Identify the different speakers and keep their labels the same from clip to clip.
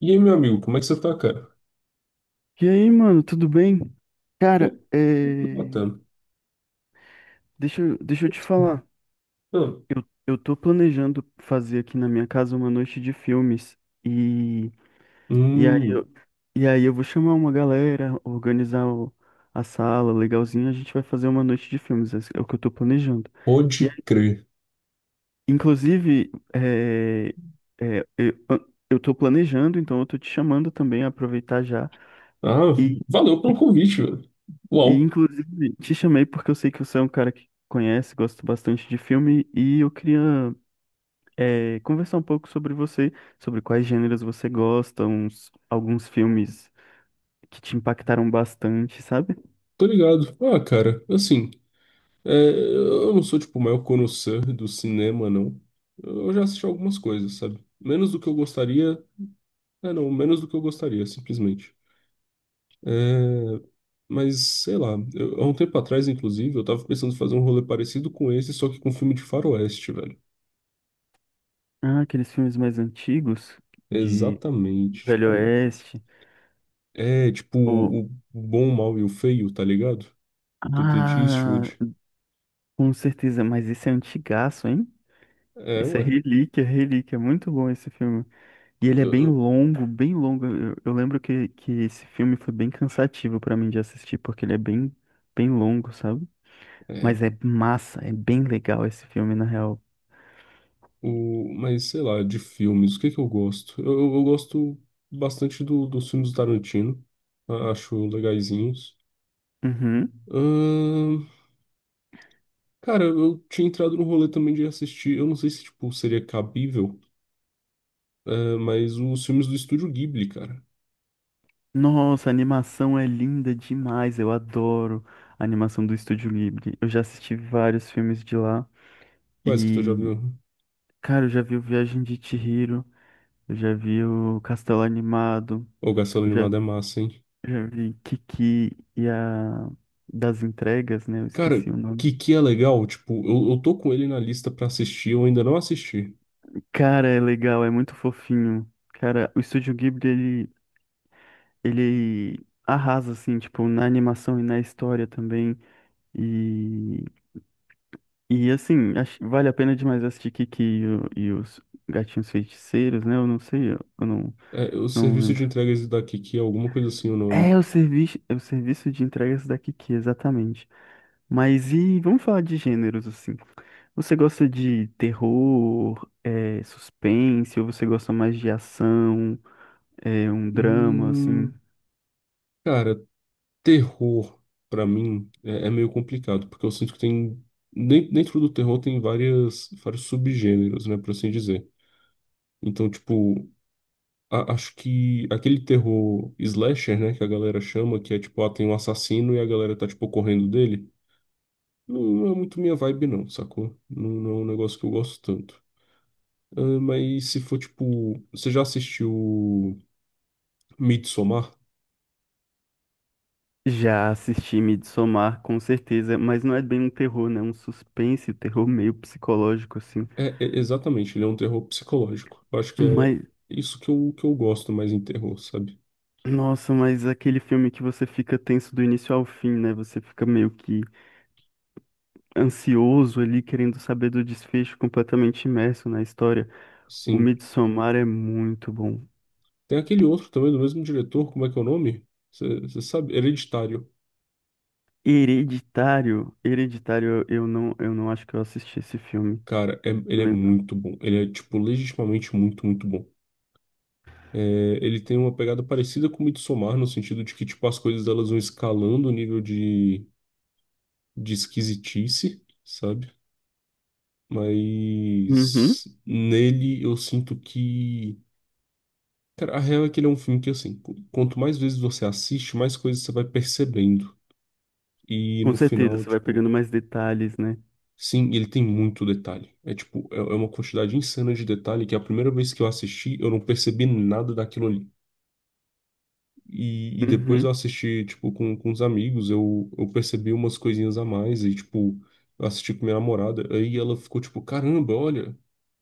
Speaker 1: E aí, meu amigo, como é que você tá, cara?
Speaker 2: E aí, mano, tudo bem? Cara,
Speaker 1: Tô
Speaker 2: é,
Speaker 1: Bacana.
Speaker 2: deixa eu te falar.
Speaker 1: Ah,
Speaker 2: Eu tô planejando fazer aqui na minha casa uma noite de filmes. E, e aí
Speaker 1: hum,
Speaker 2: eu, e aí eu vou chamar uma galera, a sala, legalzinho, a gente vai fazer uma noite de filmes. Esse é o que eu tô planejando. E
Speaker 1: pode
Speaker 2: aí,
Speaker 1: crer.
Speaker 2: inclusive, é, eu, eu tô planejando, então eu tô te chamando também, aproveitar já.
Speaker 1: Ah, valeu pelo convite, velho.
Speaker 2: E,
Speaker 1: Uau,
Speaker 2: inclusive, te chamei porque eu sei que você é um cara que conhece, gosta bastante de filme, e eu queria, conversar um pouco sobre você, sobre quais gêneros você gosta, alguns filmes que te impactaram bastante, sabe?
Speaker 1: tô ligado. Ah, cara, assim, é, eu não sou, tipo, o maior connoisseur do cinema, não. Eu já assisti algumas coisas, sabe? Menos do que eu gostaria. É, não, menos do que eu gostaria, simplesmente. É, mas, sei lá, há um tempo atrás, inclusive, eu tava pensando em fazer um rolê parecido com esse, só que com um filme de faroeste, velho.
Speaker 2: Ah, aqueles filmes mais antigos, de
Speaker 1: Exatamente,
Speaker 2: Velho
Speaker 1: tipo,
Speaker 2: Oeste,
Speaker 1: é tipo
Speaker 2: ou...
Speaker 1: o bom, o mau e o feio, tá ligado? Do Clint
Speaker 2: Ah,
Speaker 1: Eastwood.
Speaker 2: com certeza, mas esse é antigaço, hein?
Speaker 1: É,
Speaker 2: Esse é
Speaker 1: ué.
Speaker 2: relíquia, relíquia, muito bom esse filme. E
Speaker 1: Eu-
Speaker 2: ele é bem
Speaker 1: eu-
Speaker 2: longo, bem longo. Eu lembro que esse filme foi bem cansativo pra mim de assistir, porque ele é bem longo, sabe?
Speaker 1: É.
Speaker 2: Mas é massa, é bem legal esse filme, na real.
Speaker 1: O, mas sei lá, de filmes, o que que eu gosto? Eu gosto bastante dos filmes do Tarantino. Acho legaizinhos.
Speaker 2: Uhum.
Speaker 1: Ahn, Cara, eu tinha entrado no rolê também de assistir. Eu não sei se tipo, seria cabível, é, mas os filmes do Estúdio Ghibli, cara.
Speaker 2: Nossa, a animação é linda demais. Eu adoro a animação do Estúdio Ghibli. Eu já assisti vários filmes de lá.
Speaker 1: Quais que tu já
Speaker 2: E,
Speaker 1: viu?
Speaker 2: cara, eu já vi o Viagem de Chihiro, eu já vi o Castelo Animado,
Speaker 1: O
Speaker 2: eu
Speaker 1: Gasolina
Speaker 2: já,
Speaker 1: Animada é massa, hein?
Speaker 2: já vi Kiki e a das entregas, né? Eu
Speaker 1: Cara,
Speaker 2: esqueci o nome.
Speaker 1: que é legal, tipo, eu tô com ele na lista pra assistir, eu ainda não assisti.
Speaker 2: Cara, é legal, é muito fofinho. Cara, o Estúdio Ghibli, ele arrasa, assim, tipo, na animação e na história também. E, e assim, vale a pena demais assistir Kiki e os Gatinhos Feiticeiros, né? Eu não sei, eu não,
Speaker 1: É, o
Speaker 2: não
Speaker 1: serviço de
Speaker 2: lembro.
Speaker 1: entregas da Kiki é alguma coisa assim o
Speaker 2: É
Speaker 1: nome.
Speaker 2: o serviço, é o serviço de entregas da Kiki, exatamente. Mas e vamos falar de gêneros, assim. Você gosta de terror, é, suspense, ou você gosta mais de ação? É um drama, assim.
Speaker 1: Hum, cara, terror pra mim é meio complicado, porque eu sinto que tem dentro do terror tem várias vários subgêneros, né, por assim dizer. Então, tipo, acho que aquele terror slasher, né, que a galera chama, que é tipo, ah, tem um assassino e a galera tá tipo correndo dele. Não é muito minha vibe, não, sacou? Não, não é um negócio que eu gosto tanto. Ah, mas se for tipo. Você já assistiu Midsommar?
Speaker 2: Já assisti Midsommar, com certeza, mas não é bem um terror, né? Um suspense, um terror meio psicológico, assim.
Speaker 1: Exatamente, ele é um terror psicológico. Eu acho que é
Speaker 2: Mas,
Speaker 1: isso que eu gosto mais em terror, sabe?
Speaker 2: nossa, mas aquele filme que você fica tenso do início ao fim, né? Você fica meio que ansioso ali, querendo saber do desfecho, completamente imerso na história. O
Speaker 1: Sim.
Speaker 2: Midsommar é muito bom.
Speaker 1: Tem aquele outro também do mesmo diretor, como é que é o nome? Você sabe? Hereditário.
Speaker 2: Hereditário, Hereditário, eu não acho que eu assisti esse filme.
Speaker 1: Cara, ele é
Speaker 2: Lembro.
Speaker 1: muito bom. Ele é, tipo, legitimamente muito, muito bom. É, ele tem uma pegada parecida com Midsommar, no sentido de que, tipo, as coisas elas vão escalando o nível de esquisitice, sabe?
Speaker 2: Uhum.
Speaker 1: Mas nele eu sinto que. Cara, a real é que ele é um filme que, assim, quanto mais vezes você assiste, mais coisas você vai percebendo. E
Speaker 2: Com
Speaker 1: no
Speaker 2: certeza,
Speaker 1: final,
Speaker 2: você vai
Speaker 1: tipo,
Speaker 2: pegando mais detalhes, né?
Speaker 1: sim, ele tem muito detalhe. É tipo, é uma quantidade insana de detalhe que a primeira vez que eu assisti, eu não percebi nada daquilo ali. E depois eu
Speaker 2: Uhum.
Speaker 1: assisti, tipo, com os amigos, eu percebi umas coisinhas a mais, e, tipo, eu assisti com minha namorada, aí ela ficou, tipo, caramba, olha,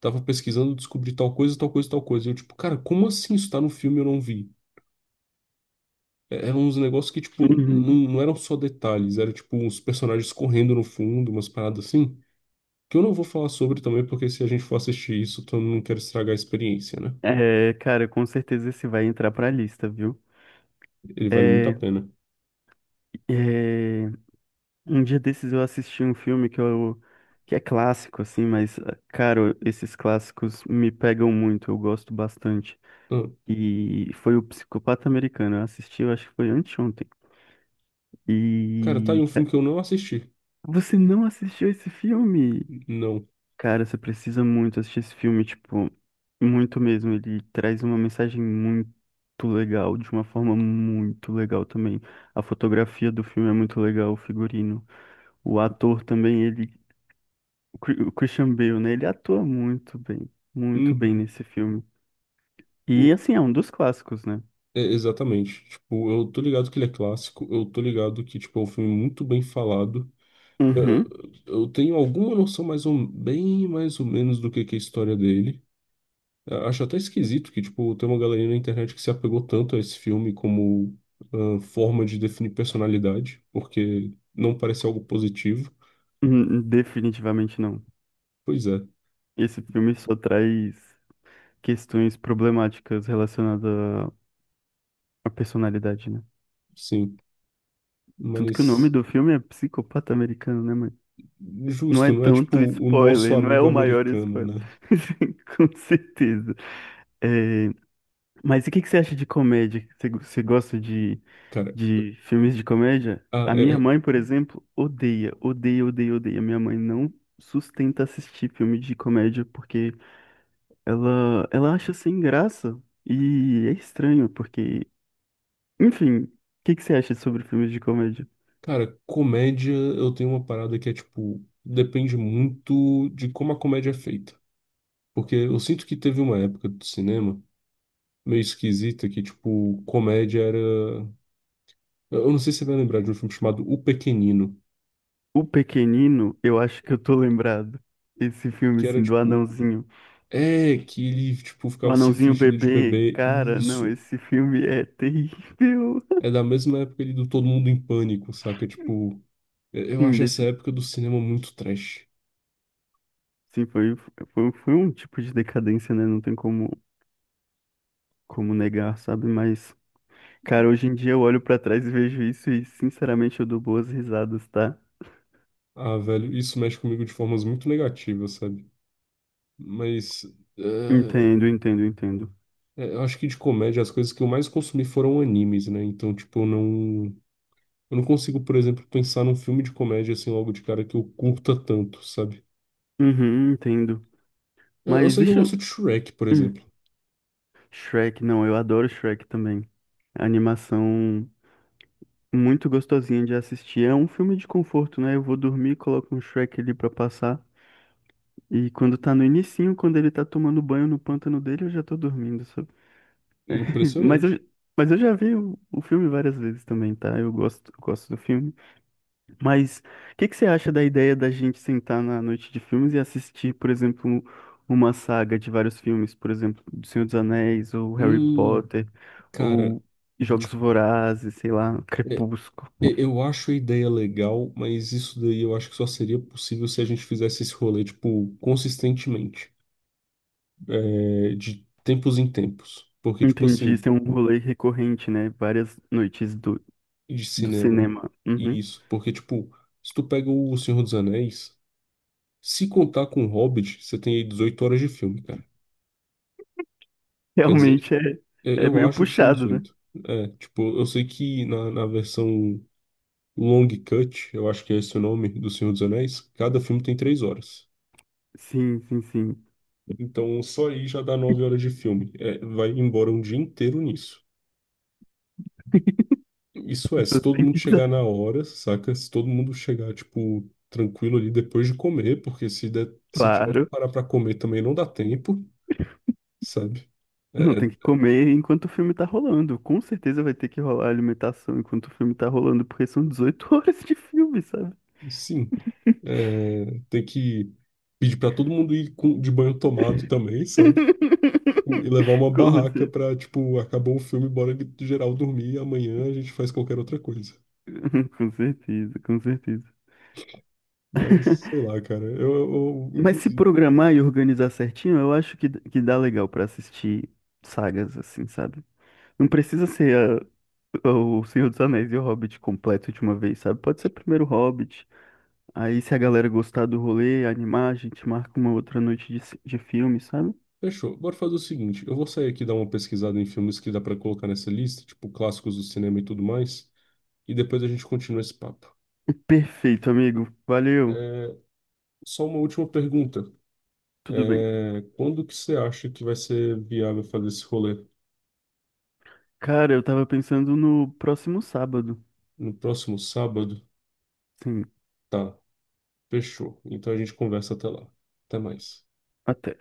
Speaker 1: tava pesquisando, descobri tal coisa, tal coisa, tal coisa. E eu, tipo, cara, como assim isso tá no filme e eu não vi? Eram uns negócios que, tipo, não,
Speaker 2: Uhum.
Speaker 1: não eram só detalhes, era, tipo, uns personagens correndo no fundo, umas paradas assim, que eu não vou falar sobre também, porque se a gente for assistir isso, então eu não quero estragar a experiência, né?
Speaker 2: É, cara, com certeza esse vai entrar pra lista, viu?
Speaker 1: Ele vale muito
Speaker 2: É,
Speaker 1: a pena.
Speaker 2: é, um dia desses eu assisti um filme que é clássico, assim, mas, cara, esses clássicos me pegam muito, eu gosto bastante.
Speaker 1: Ah,
Speaker 2: E foi o Psicopata Americano, eu assisti, eu acho que foi anteontem.
Speaker 1: cara, tá aí
Speaker 2: E,
Speaker 1: um filme
Speaker 2: cara,
Speaker 1: que eu não assisti.
Speaker 2: você não assistiu esse filme?
Speaker 1: Não.
Speaker 2: Cara, você precisa muito assistir esse filme, tipo, muito mesmo. Ele traz uma mensagem muito legal, de uma forma muito legal também. A fotografia do filme é muito legal, o figurino. O ator também, o o Christian Bale, né? Ele atua muito bem
Speaker 1: Uhum.
Speaker 2: nesse filme.
Speaker 1: É,
Speaker 2: E assim, é um dos clássicos, né?
Speaker 1: exatamente. Tipo, eu tô ligado que ele é clássico, eu tô ligado que, tipo, é um filme muito bem falado. Eu,
Speaker 2: Uhum.
Speaker 1: eu tenho alguma noção mais ou, bem mais ou menos do que é a história dele. Eu acho até esquisito que, tipo, tem uma galerinha na internet que se apegou tanto a esse filme como ah, forma de definir personalidade, porque não parece algo positivo.
Speaker 2: Definitivamente não.
Speaker 1: Pois é,
Speaker 2: Esse filme só traz questões problemáticas relacionadas à personalidade, né?
Speaker 1: sim.
Speaker 2: Tanto que o nome
Speaker 1: Mas
Speaker 2: do filme é Psicopata Americano, né, mãe? Não
Speaker 1: justo,
Speaker 2: é
Speaker 1: não é tipo
Speaker 2: tanto
Speaker 1: o nosso
Speaker 2: spoiler, não é
Speaker 1: amigo
Speaker 2: o maior
Speaker 1: americano,
Speaker 2: spoiler.
Speaker 1: né?
Speaker 2: Com certeza. É, mas e o que que você acha de comédia? Você gosta
Speaker 1: Cara,
Speaker 2: de filmes de comédia?
Speaker 1: a-
Speaker 2: A minha
Speaker 1: é-
Speaker 2: mãe, por exemplo, odeia, odeia, odeia, odeia. Minha mãe não sustenta assistir filme de comédia porque ela acha sem graça. E é estranho, porque. Enfim, o que que você acha sobre filmes de comédia?
Speaker 1: cara, comédia, eu tenho uma parada que é tipo, depende muito de como a comédia é feita. Porque eu sinto que teve uma época do cinema meio esquisita que, tipo, comédia era. Eu não sei se você vai lembrar de um filme chamado O Pequenino,
Speaker 2: O Pequenino, eu acho que eu tô lembrado. Esse filme,
Speaker 1: que era
Speaker 2: assim, do
Speaker 1: tipo.
Speaker 2: Anãozinho.
Speaker 1: É, que ele, tipo,
Speaker 2: O
Speaker 1: ficava se
Speaker 2: Anãozinho
Speaker 1: fingindo de
Speaker 2: Bebê,
Speaker 1: bebê.
Speaker 2: cara, não,
Speaker 1: Isso.
Speaker 2: esse filme é terrível.
Speaker 1: É da mesma época ali do Todo Mundo em Pânico, saca? Tipo, eu eu
Speaker 2: Sim,
Speaker 1: acho essa
Speaker 2: desse,
Speaker 1: época do cinema muito trash.
Speaker 2: sim, foi, foi um tipo de decadência, né? Não tem como, como negar, sabe? Mas, cara, hoje em dia eu olho pra trás e vejo isso e, sinceramente, eu dou boas risadas, tá?
Speaker 1: Ah, velho, isso mexe comigo de formas muito negativas, sabe? Mas eh,
Speaker 2: Entendo, entendo, entendo.
Speaker 1: é, eu acho que de comédia as coisas que eu mais consumi foram animes, né? Então, tipo, eu não consigo, por exemplo, pensar num filme de comédia assim logo de cara que eu curta tanto, sabe?
Speaker 2: Uhum, entendo.
Speaker 1: Eu
Speaker 2: Mas
Speaker 1: sei que eu
Speaker 2: deixa eu...
Speaker 1: gosto de Shrek, por
Speaker 2: Hum,
Speaker 1: exemplo.
Speaker 2: Shrek, não, eu adoro Shrek também. A animação muito gostosinha de assistir. É um filme de conforto, né? Eu vou dormir, coloco um Shrek ali pra passar. E quando tá no inicinho, quando ele tá tomando banho no pântano dele, eu já tô dormindo, sabe? Mas eu,
Speaker 1: Impressionante.
Speaker 2: mas eu já vi o filme várias vezes também, tá? Eu gosto do filme. Mas o que que você acha da ideia da gente sentar na noite de filmes e assistir, por exemplo, uma saga de vários filmes, por exemplo, do Senhor dos Anéis, ou Harry
Speaker 1: Hum,
Speaker 2: Potter,
Speaker 1: cara,
Speaker 2: ou Jogos
Speaker 1: tipo,
Speaker 2: Vorazes, sei lá,
Speaker 1: é,
Speaker 2: Crepúsculo.
Speaker 1: eu acho a ideia legal, mas isso daí eu acho que só seria possível se a gente fizesse esse rolê, tipo, consistentemente, é, de tempos em tempos. Porque, tipo
Speaker 2: Entendi,
Speaker 1: assim.
Speaker 2: isso é um rolê recorrente, né? Várias noites
Speaker 1: De
Speaker 2: do
Speaker 1: cinema.
Speaker 2: cinema. Uhum.
Speaker 1: Isso, porque, tipo, se tu pega o Senhor dos Anéis, se contar com o Hobbit, você tem aí 18 horas de filme, cara. Quer dizer,
Speaker 2: Realmente é,
Speaker 1: eu
Speaker 2: é
Speaker 1: eu
Speaker 2: meio
Speaker 1: acho que são
Speaker 2: puxado, né?
Speaker 1: dezoito. É, tipo, eu sei que na versão Long Cut, eu acho que é esse o nome do Senhor dos Anéis, cada filme tem 3 horas.
Speaker 2: Sim, sim, sim.
Speaker 1: Então, só aí já dá 9 horas de filme. É, vai embora um dia inteiro nisso.
Speaker 2: As
Speaker 1: Isso é, se
Speaker 2: pessoas
Speaker 1: todo
Speaker 2: têm
Speaker 1: mundo
Speaker 2: que
Speaker 1: chegar
Speaker 2: estar,
Speaker 1: na hora, saca? Se todo mundo chegar, tipo, tranquilo ali depois de comer, porque se der, se tiver que
Speaker 2: claro.
Speaker 1: parar pra comer também não dá tempo, sabe?
Speaker 2: Não,
Speaker 1: É, é,
Speaker 2: tem que comer enquanto o filme tá rolando. Com certeza vai ter que rolar alimentação enquanto o filme tá rolando, porque são 18 horas de filme, sabe?
Speaker 1: sim, tem que pedir pra todo mundo ir de banho tomado também, sabe? E levar uma
Speaker 2: Com
Speaker 1: barraca
Speaker 2: cer-
Speaker 1: pra, tipo, acabou o filme, bora geral dormir, amanhã a gente faz qualquer outra coisa.
Speaker 2: com certeza, com certeza.
Speaker 1: Mas, sei lá, cara,
Speaker 2: Mas se
Speaker 1: inclusive.
Speaker 2: programar e organizar certinho, que dá legal pra assistir sagas, assim, sabe? Não precisa ser a- o Senhor dos Anéis e o Hobbit completo de uma vez, sabe? Pode ser primeiro o Hobbit. Aí, se a galera gostar do rolê, animar, a gente marca uma outra noite de, de filme, sabe?
Speaker 1: Fechou. Bora fazer o seguinte: eu vou sair aqui dar uma pesquisada em filmes que dá pra colocar nessa lista, tipo clássicos do cinema e tudo mais, e depois a gente continua esse papo.
Speaker 2: Perfeito, amigo. Valeu.
Speaker 1: É, só uma última pergunta:
Speaker 2: Tudo bem.
Speaker 1: é, quando que você acha que vai ser viável fazer esse rolê?
Speaker 2: Cara, eu tava pensando no próximo sábado.
Speaker 1: No próximo sábado?
Speaker 2: Sim,
Speaker 1: Tá, fechou. Então a gente conversa até lá. Até mais.
Speaker 2: até.